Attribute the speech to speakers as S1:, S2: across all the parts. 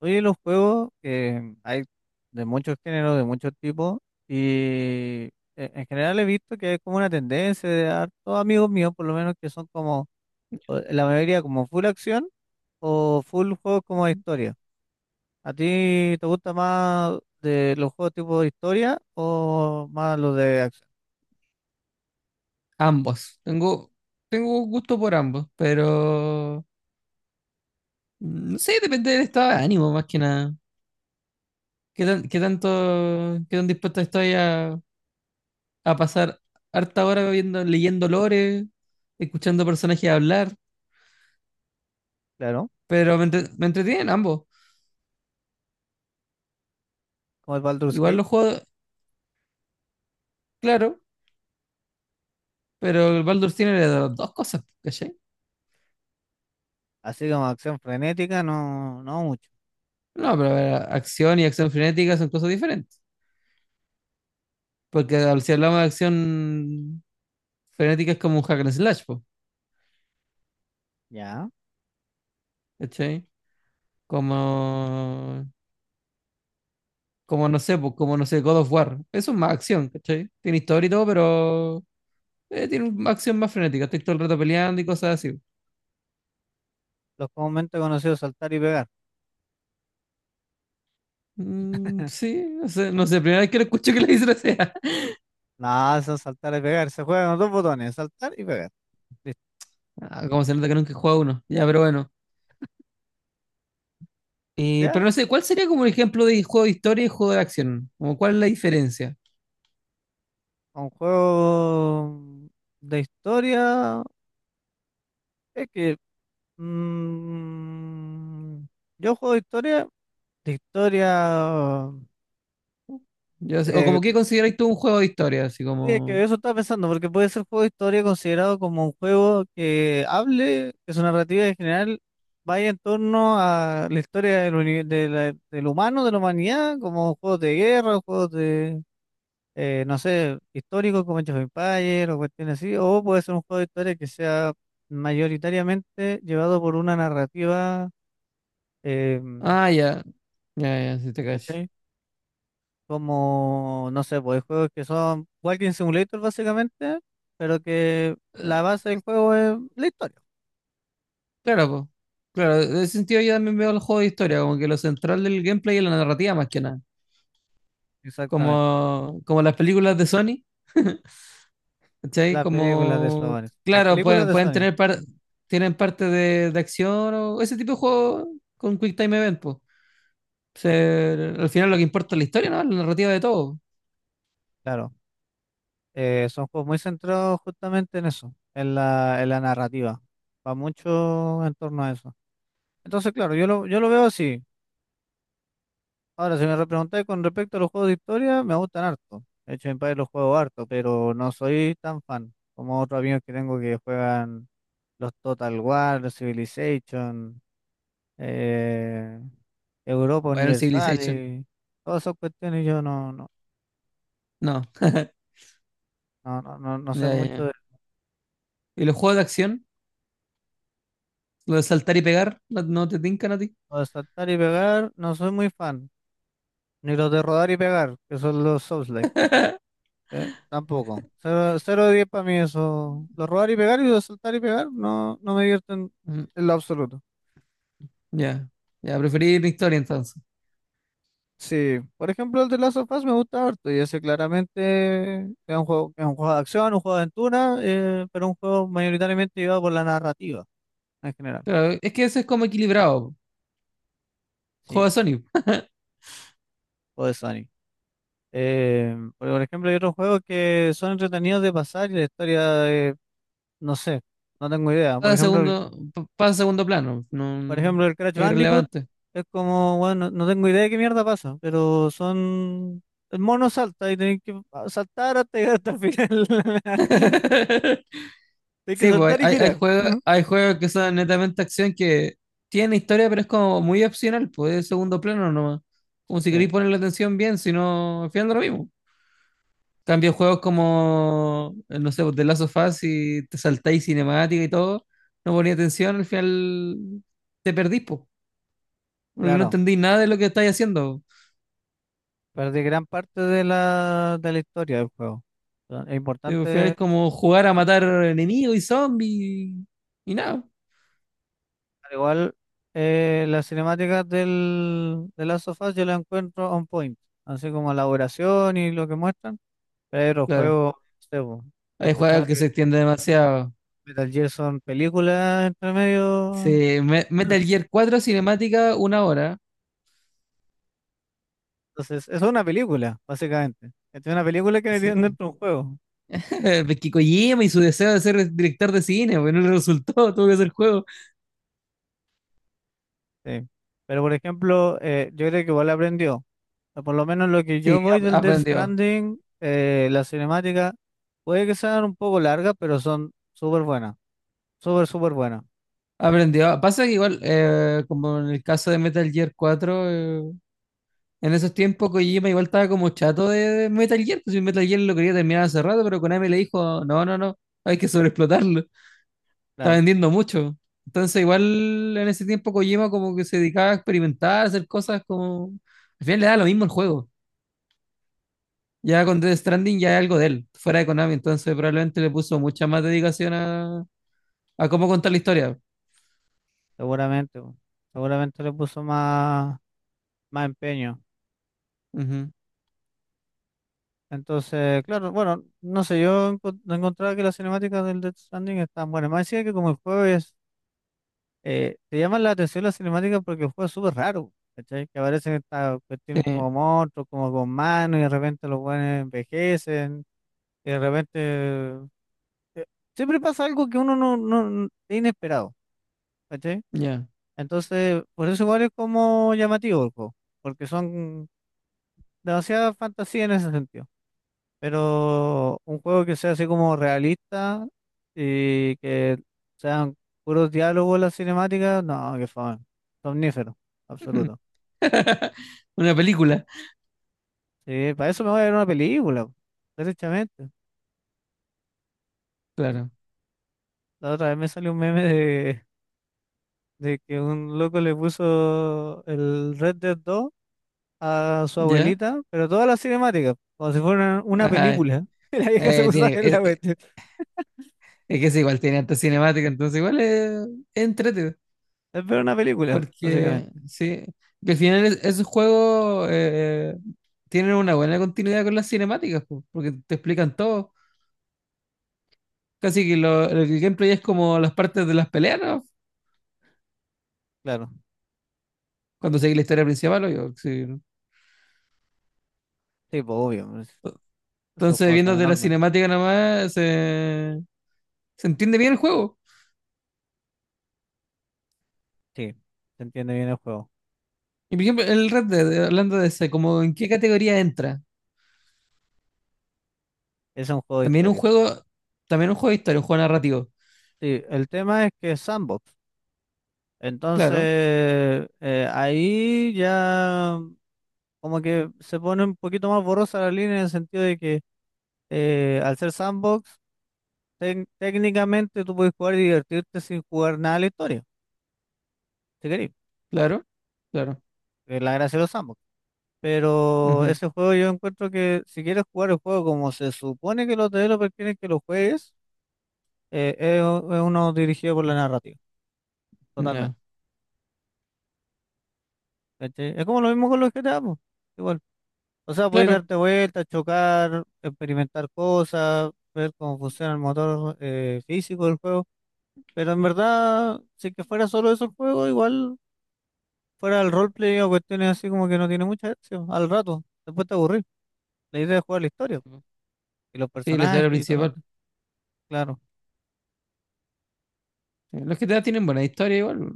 S1: Oye, los juegos hay de muchos géneros, de muchos tipos, y en general he visto que hay como una tendencia de hartos amigos míos, por lo menos, que son como, la mayoría como full acción o full juegos como de historia. ¿A ti te gusta más de los juegos tipo de historia o más los de acción?
S2: Ambos. Tengo gusto por ambos, pero no sé, depende del estado de ánimo más que nada. ¿Qué tan, qué tanto, ¿Qué tan dispuesto estoy a pasar harta hora viendo, leyendo lore, escuchando personajes hablar?
S1: Claro,
S2: Pero me entretienen ambos.
S1: como el Baldur's
S2: Igual
S1: Gate,
S2: los juegos, claro, pero el Baldur's tiene las dos cosas, ¿cachai?
S1: así como acción frenética, no, no mucho.
S2: No, pero a ver, acción y acción frenética son cosas diferentes. Porque si hablamos de acción frenética es como un hack and slash, po,
S1: Ya,
S2: ¿cachai? Como, como no sé, God of War. Eso es más acción, ¿cachai? Tiene historia y todo, pero tiene una acción más frenética. Estoy todo el rato peleando y cosas así.
S1: los comúnmente conocidos saltar y pegar.
S2: Mm, sí, no sé, primera vez que lo escucho que le dicen así.
S1: Nada, eso es saltar y pegar. Se juegan con dos botones, saltar y pegar. Listo.
S2: Ah, como se nota que nunca he jugado uno. Ya, pero bueno.
S1: ¿Ya?
S2: Pero no sé, ¿cuál sería como un ejemplo de juego de historia y juego de acción? Como, ¿cuál es la diferencia?
S1: Un juego de historia. Es que mm, yo juego de historia.
S2: O
S1: eh,
S2: como qué
S1: de-
S2: consideráis tú un juego de historia, así
S1: es
S2: como...
S1: que eso estaba pensando, porque puede ser juego de historia considerado como un juego que hable, que su narrativa en general vaya en torno a la historia del humano, de la humanidad, como juegos de guerra, juegos de no sé, histórico como Age of Empires o cuestiones así, o puede ser un juego de historia que sea mayoritariamente llevado por una narrativa. eh,
S2: Ah, ya, ya, ya, sí te cacho.
S1: ¿Cachai? Como, no sé, pues hay juegos que son Walking Simulator básicamente, pero que la base del juego es la historia,
S2: Claro, pues. Claro, en ese sentido yo también veo el juego de historia, como que lo central del gameplay es la narrativa más que nada.
S1: exactamente.
S2: Como, como las películas de Sony, ¿cachai?
S1: Las películas de
S2: Como,
S1: Sony, las
S2: claro,
S1: películas
S2: pueden,
S1: de
S2: pueden
S1: Sony.
S2: tener tienen parte de acción o ese tipo de juego con Quick Time Event, pues. Al final lo que importa es la historia, ¿no? La narrativa de todo.
S1: Claro, son juegos muy centrados justamente en eso, en la, narrativa, va mucho en torno a eso. Entonces, claro, yo lo veo así. Ahora, si me preguntáis con respecto a los juegos de historia, me gustan harto. De hecho, en Empires los juego harto, pero no soy tan fan como otros amigos que tengo que juegan los Total War, los Civilization, eh, Europa
S2: Bueno, el
S1: Universal
S2: Civilization.
S1: y todas esas cuestiones. Yo no, no,
S2: No.
S1: no, no, no, no sé
S2: Ya, ya,
S1: mucho
S2: ya.
S1: de.
S2: ¿Y los juegos de acción? ¿Lo de saltar y pegar? ¿No, no te tincan a ti?
S1: Lo de saltar y pegar, no soy muy fan. Ni los de rodar y pegar, que son los souls. Tampoco. Cero, cero de 10 para mí eso. Lo robar y pegar y lo saltar y pegar no, no me divierten
S2: Mm,
S1: en lo absoluto.
S2: ya. Ya, preferir la historia entonces.
S1: Sí, por ejemplo el de Last of Us me gusta harto y ese claramente es un juego, de acción, un juego de aventura, pero un juego mayoritariamente llevado por la narrativa en general.
S2: Claro, es que eso es como equilibrado. Juego
S1: Sí,
S2: de Sonic.
S1: o de Sony. Porque, por ejemplo hay otros juegos que son entretenidos de pasar y la historia. No sé, no tengo idea.
S2: Pasa
S1: Por
S2: a
S1: ejemplo
S2: segundo, pasa a segundo plano. No,
S1: Por ejemplo, el Crash
S2: es
S1: Bandicoot
S2: irrelevante.
S1: es como, bueno, no tengo idea de qué mierda pasa, pero son. El mono salta y tenés que saltar hasta llegar hasta el final. Tienes que
S2: Sí, pues
S1: saltar y
S2: hay, hay
S1: girar.
S2: juegos,
S1: Ujú.
S2: hay juegos que son netamente acción que tienen historia, pero es como muy opcional, pues es segundo plano nomás. Como si
S1: Sí,
S2: queréis ponerle atención bien, si no, al final da lo mismo. Cambio juegos como, no sé, pues, The Last of Us, y te saltáis cinemática y todo, no ponía atención, al final te perdís, po, porque no
S1: claro.
S2: entendí nada de lo que estáis haciendo.
S1: Perdí gran parte de la historia del juego. Ah, es
S2: Al final
S1: importante,
S2: es como jugar a matar enemigos y zombies y nada,
S1: al igual, las cinemáticas de Last of Us yo las encuentro on point. Así como la duración y lo que muestran. Pero el
S2: claro.
S1: juego, no sé, po, yo
S2: Hay juegos
S1: escuchaba.
S2: que se extienden demasiado.
S1: Metal Gear son películas entre medio.
S2: Sí, Metal Gear 4 cinemática, una hora.
S1: Entonces, eso es una película, básicamente. Es una película que metieron
S2: Sí.
S1: dentro de un juego.
S2: Porque Kojima y su deseo de ser director de cine, pues no le resultó, tuvo que hacer juego.
S1: Sí. Pero, por ejemplo, yo creo que igual aprendió. O por lo menos lo que
S2: Sí,
S1: yo voy del Death
S2: aprendió.
S1: Stranding, la cinemática, puede que sean un poco largas, pero son súper buenas. Súper, súper buenas.
S2: Aprendió. Pasa que igual, como en el caso de Metal Gear cuatro, en esos tiempos Kojima igual estaba como chato de Metal Gear, pues si Metal Gear lo quería terminar hace rato, pero Konami le dijo, no, no, no, hay que sobreexplotarlo, está
S1: Claro,
S2: vendiendo mucho. Entonces igual en ese tiempo Kojima como que se dedicaba a experimentar, a hacer cosas como... al final le da lo mismo el juego. Ya con Death Stranding ya es algo de él, fuera de Konami, entonces probablemente le puso mucha más dedicación a cómo contar la historia.
S1: seguramente, po. Seguramente le puso más, más empeño.
S2: Ujú.
S1: Entonces, claro, bueno, no sé, yo no encontraba que las cinemáticas del Death Stranding están buenas. Más decía que como el juego es, te llaman la atención las cinemáticas porque el juego es súper raro, ¿cachai? Que aparecen estas
S2: Sí,
S1: cuestiones como monstruos, como con manos, y de repente los buenos envejecen, y de repente. eh, Siempre pasa algo que uno es inesperado, ¿cachai?
S2: ya.
S1: Entonces, por eso igual es como llamativo el juego, porque son demasiada fantasía en ese sentido. Pero un juego que sea así como realista y que sean puros diálogos en las cinemáticas, no, qué fome. Somnífero, absoluto.
S2: Una película,
S1: Sí, para eso me voy a ver una película, po, derechamente.
S2: claro.
S1: La otra vez me salió un meme de que un loco le puso el Red Dead 2 a su
S2: ¿Ya?
S1: abuelita, pero todas las cinemáticas, como si fuera una
S2: Ajá.
S1: película. Y la vieja se
S2: Eh,
S1: puso a
S2: tiene,
S1: ver la
S2: es, eh,
S1: cuestión.
S2: es que es igual, tiene harta cinemática, entonces es entretenido.
S1: Es ver una película,
S2: Porque
S1: básicamente.
S2: sí, que al final esos juegos, tienen una buena continuidad con las cinemáticas, po, porque te explican todo. Casi que lo, el gameplay es como las partes de las peleas, ¿no?
S1: Claro,
S2: Cuando seguís la historia principal, obvio, sí, ¿no?
S1: sí, pues obvio, pues, esos
S2: Entonces,
S1: juegos son
S2: viendo de la
S1: enormes.
S2: cinemática nomás, se entiende bien el juego.
S1: Sí, se entiende bien el juego.
S2: Y por ejemplo, el Red Dead, hablando de ese, como en qué categoría entra.
S1: Es un juego de
S2: También un
S1: historia.
S2: juego, también un juego de historia, un juego narrativo.
S1: Sí, el tema es que es sandbox.
S2: Claro,
S1: Entonces, ahí ya como que se pone un poquito más borrosa la línea en el sentido de que al ser sandbox, técnicamente tú puedes jugar y divertirte sin jugar nada de la historia, si querés.
S2: claro, claro.
S1: Es la gracia de los sandbox. Pero
S2: Ujú.
S1: ese juego yo encuentro que si quieres jugar el juego como se supone que los developers quieren que lo juegues, es uno dirigido por la narrativa.
S2: Ya.
S1: Totalmente. ¿Cachai? Es como lo mismo con los GTA, po. Igual. O sea, podéis
S2: Claro.
S1: darte vueltas, chocar, experimentar cosas, ver cómo funciona el motor físico del juego. Pero en verdad, si es que fuera solo eso el juego, igual fuera el roleplay o cuestiones así como que no tiene mucha acción. Al rato, después te aburrís. La idea es jugar la historia y los
S2: Sí, la
S1: personajes
S2: historia
S1: y todo lo
S2: principal.
S1: demás. Claro.
S2: Los GTA tienen buena historia igual.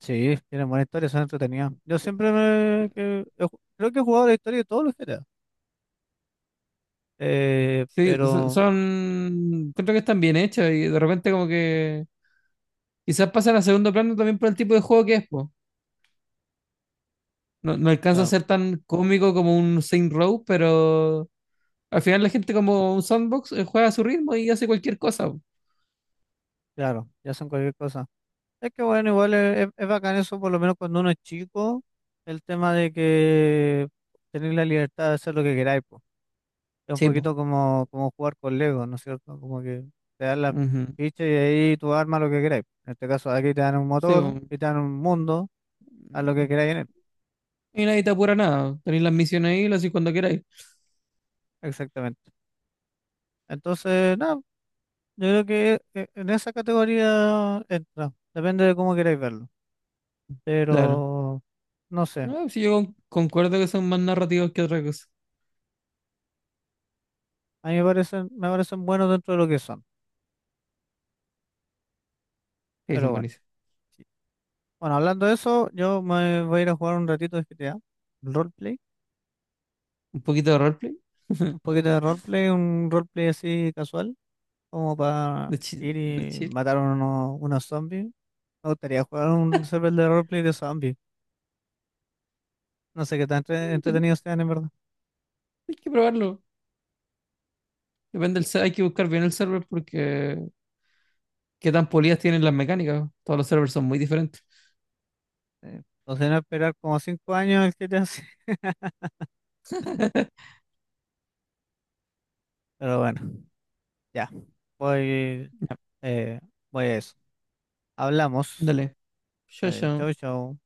S1: Sí, tienen buena historia, son entretenidas. Yo siempre me, que, he ju- Creo que he jugado la historia de todos los GTA. Eh,
S2: Sí,
S1: pero,
S2: son, creo que están bien hechos y de repente como que quizás pasan a segundo plano también por el tipo de juego que es, po. No, no alcanza a
S1: claro,
S2: ser tan cómico como un Saint Row, pero al final la gente como un sandbox, juega a su ritmo y hace cualquier cosa, po.
S1: claro, ya son cualquier cosa. Es que bueno, igual bacán eso, por lo menos cuando uno es chico, el tema de que tener la libertad de hacer lo que queráis, po. Es un
S2: Sí, po.
S1: poquito como jugar con Lego, ¿no es cierto? Como que te dan las
S2: Ujú.
S1: fichas y ahí tú armas lo que queráis. En este caso, aquí te dan un
S2: Sí,
S1: motor, y te dan un mundo, haz lo que
S2: po.
S1: queráis en él.
S2: Y nadie te apura nada. Tenéis las misiones ahí, las hacéis cuando queráis.
S1: Exactamente. Entonces, nada, yo creo que en esa categoría entra. Depende de cómo queráis verlo.
S2: Claro.
S1: Pero, no sé,
S2: No, sí, yo concuerdo que son más narrativos que otra cosa.
S1: a mí me parecen buenos dentro de lo que son.
S2: Ahí
S1: Pero
S2: son
S1: bueno.
S2: buenísimos.
S1: Bueno, hablando de eso, yo me voy a ir a jugar un ratito de GTA, roleplay,
S2: Un poquito de roleplay,
S1: un poquito de roleplay, un roleplay así casual, como
S2: de
S1: para
S2: chill,
S1: ir
S2: de
S1: y
S2: chill.
S1: matar a unos zombies. Me gustaría jugar un server de roleplay de zombies. No sé qué tan
S2: Mm,
S1: entretenidos sean, en verdad.
S2: hay que probarlo. Depende del hay que buscar bien el server porque qué tan polidas tienen las mecánicas. Todos los servers son muy diferentes.
S1: O no esperar como 5 años el GTA, sí. Pero bueno, ya. Voy, eh, voy a eso. Hablamos.
S2: Dale. Chao,
S1: Vale,
S2: chao.
S1: chau, chau.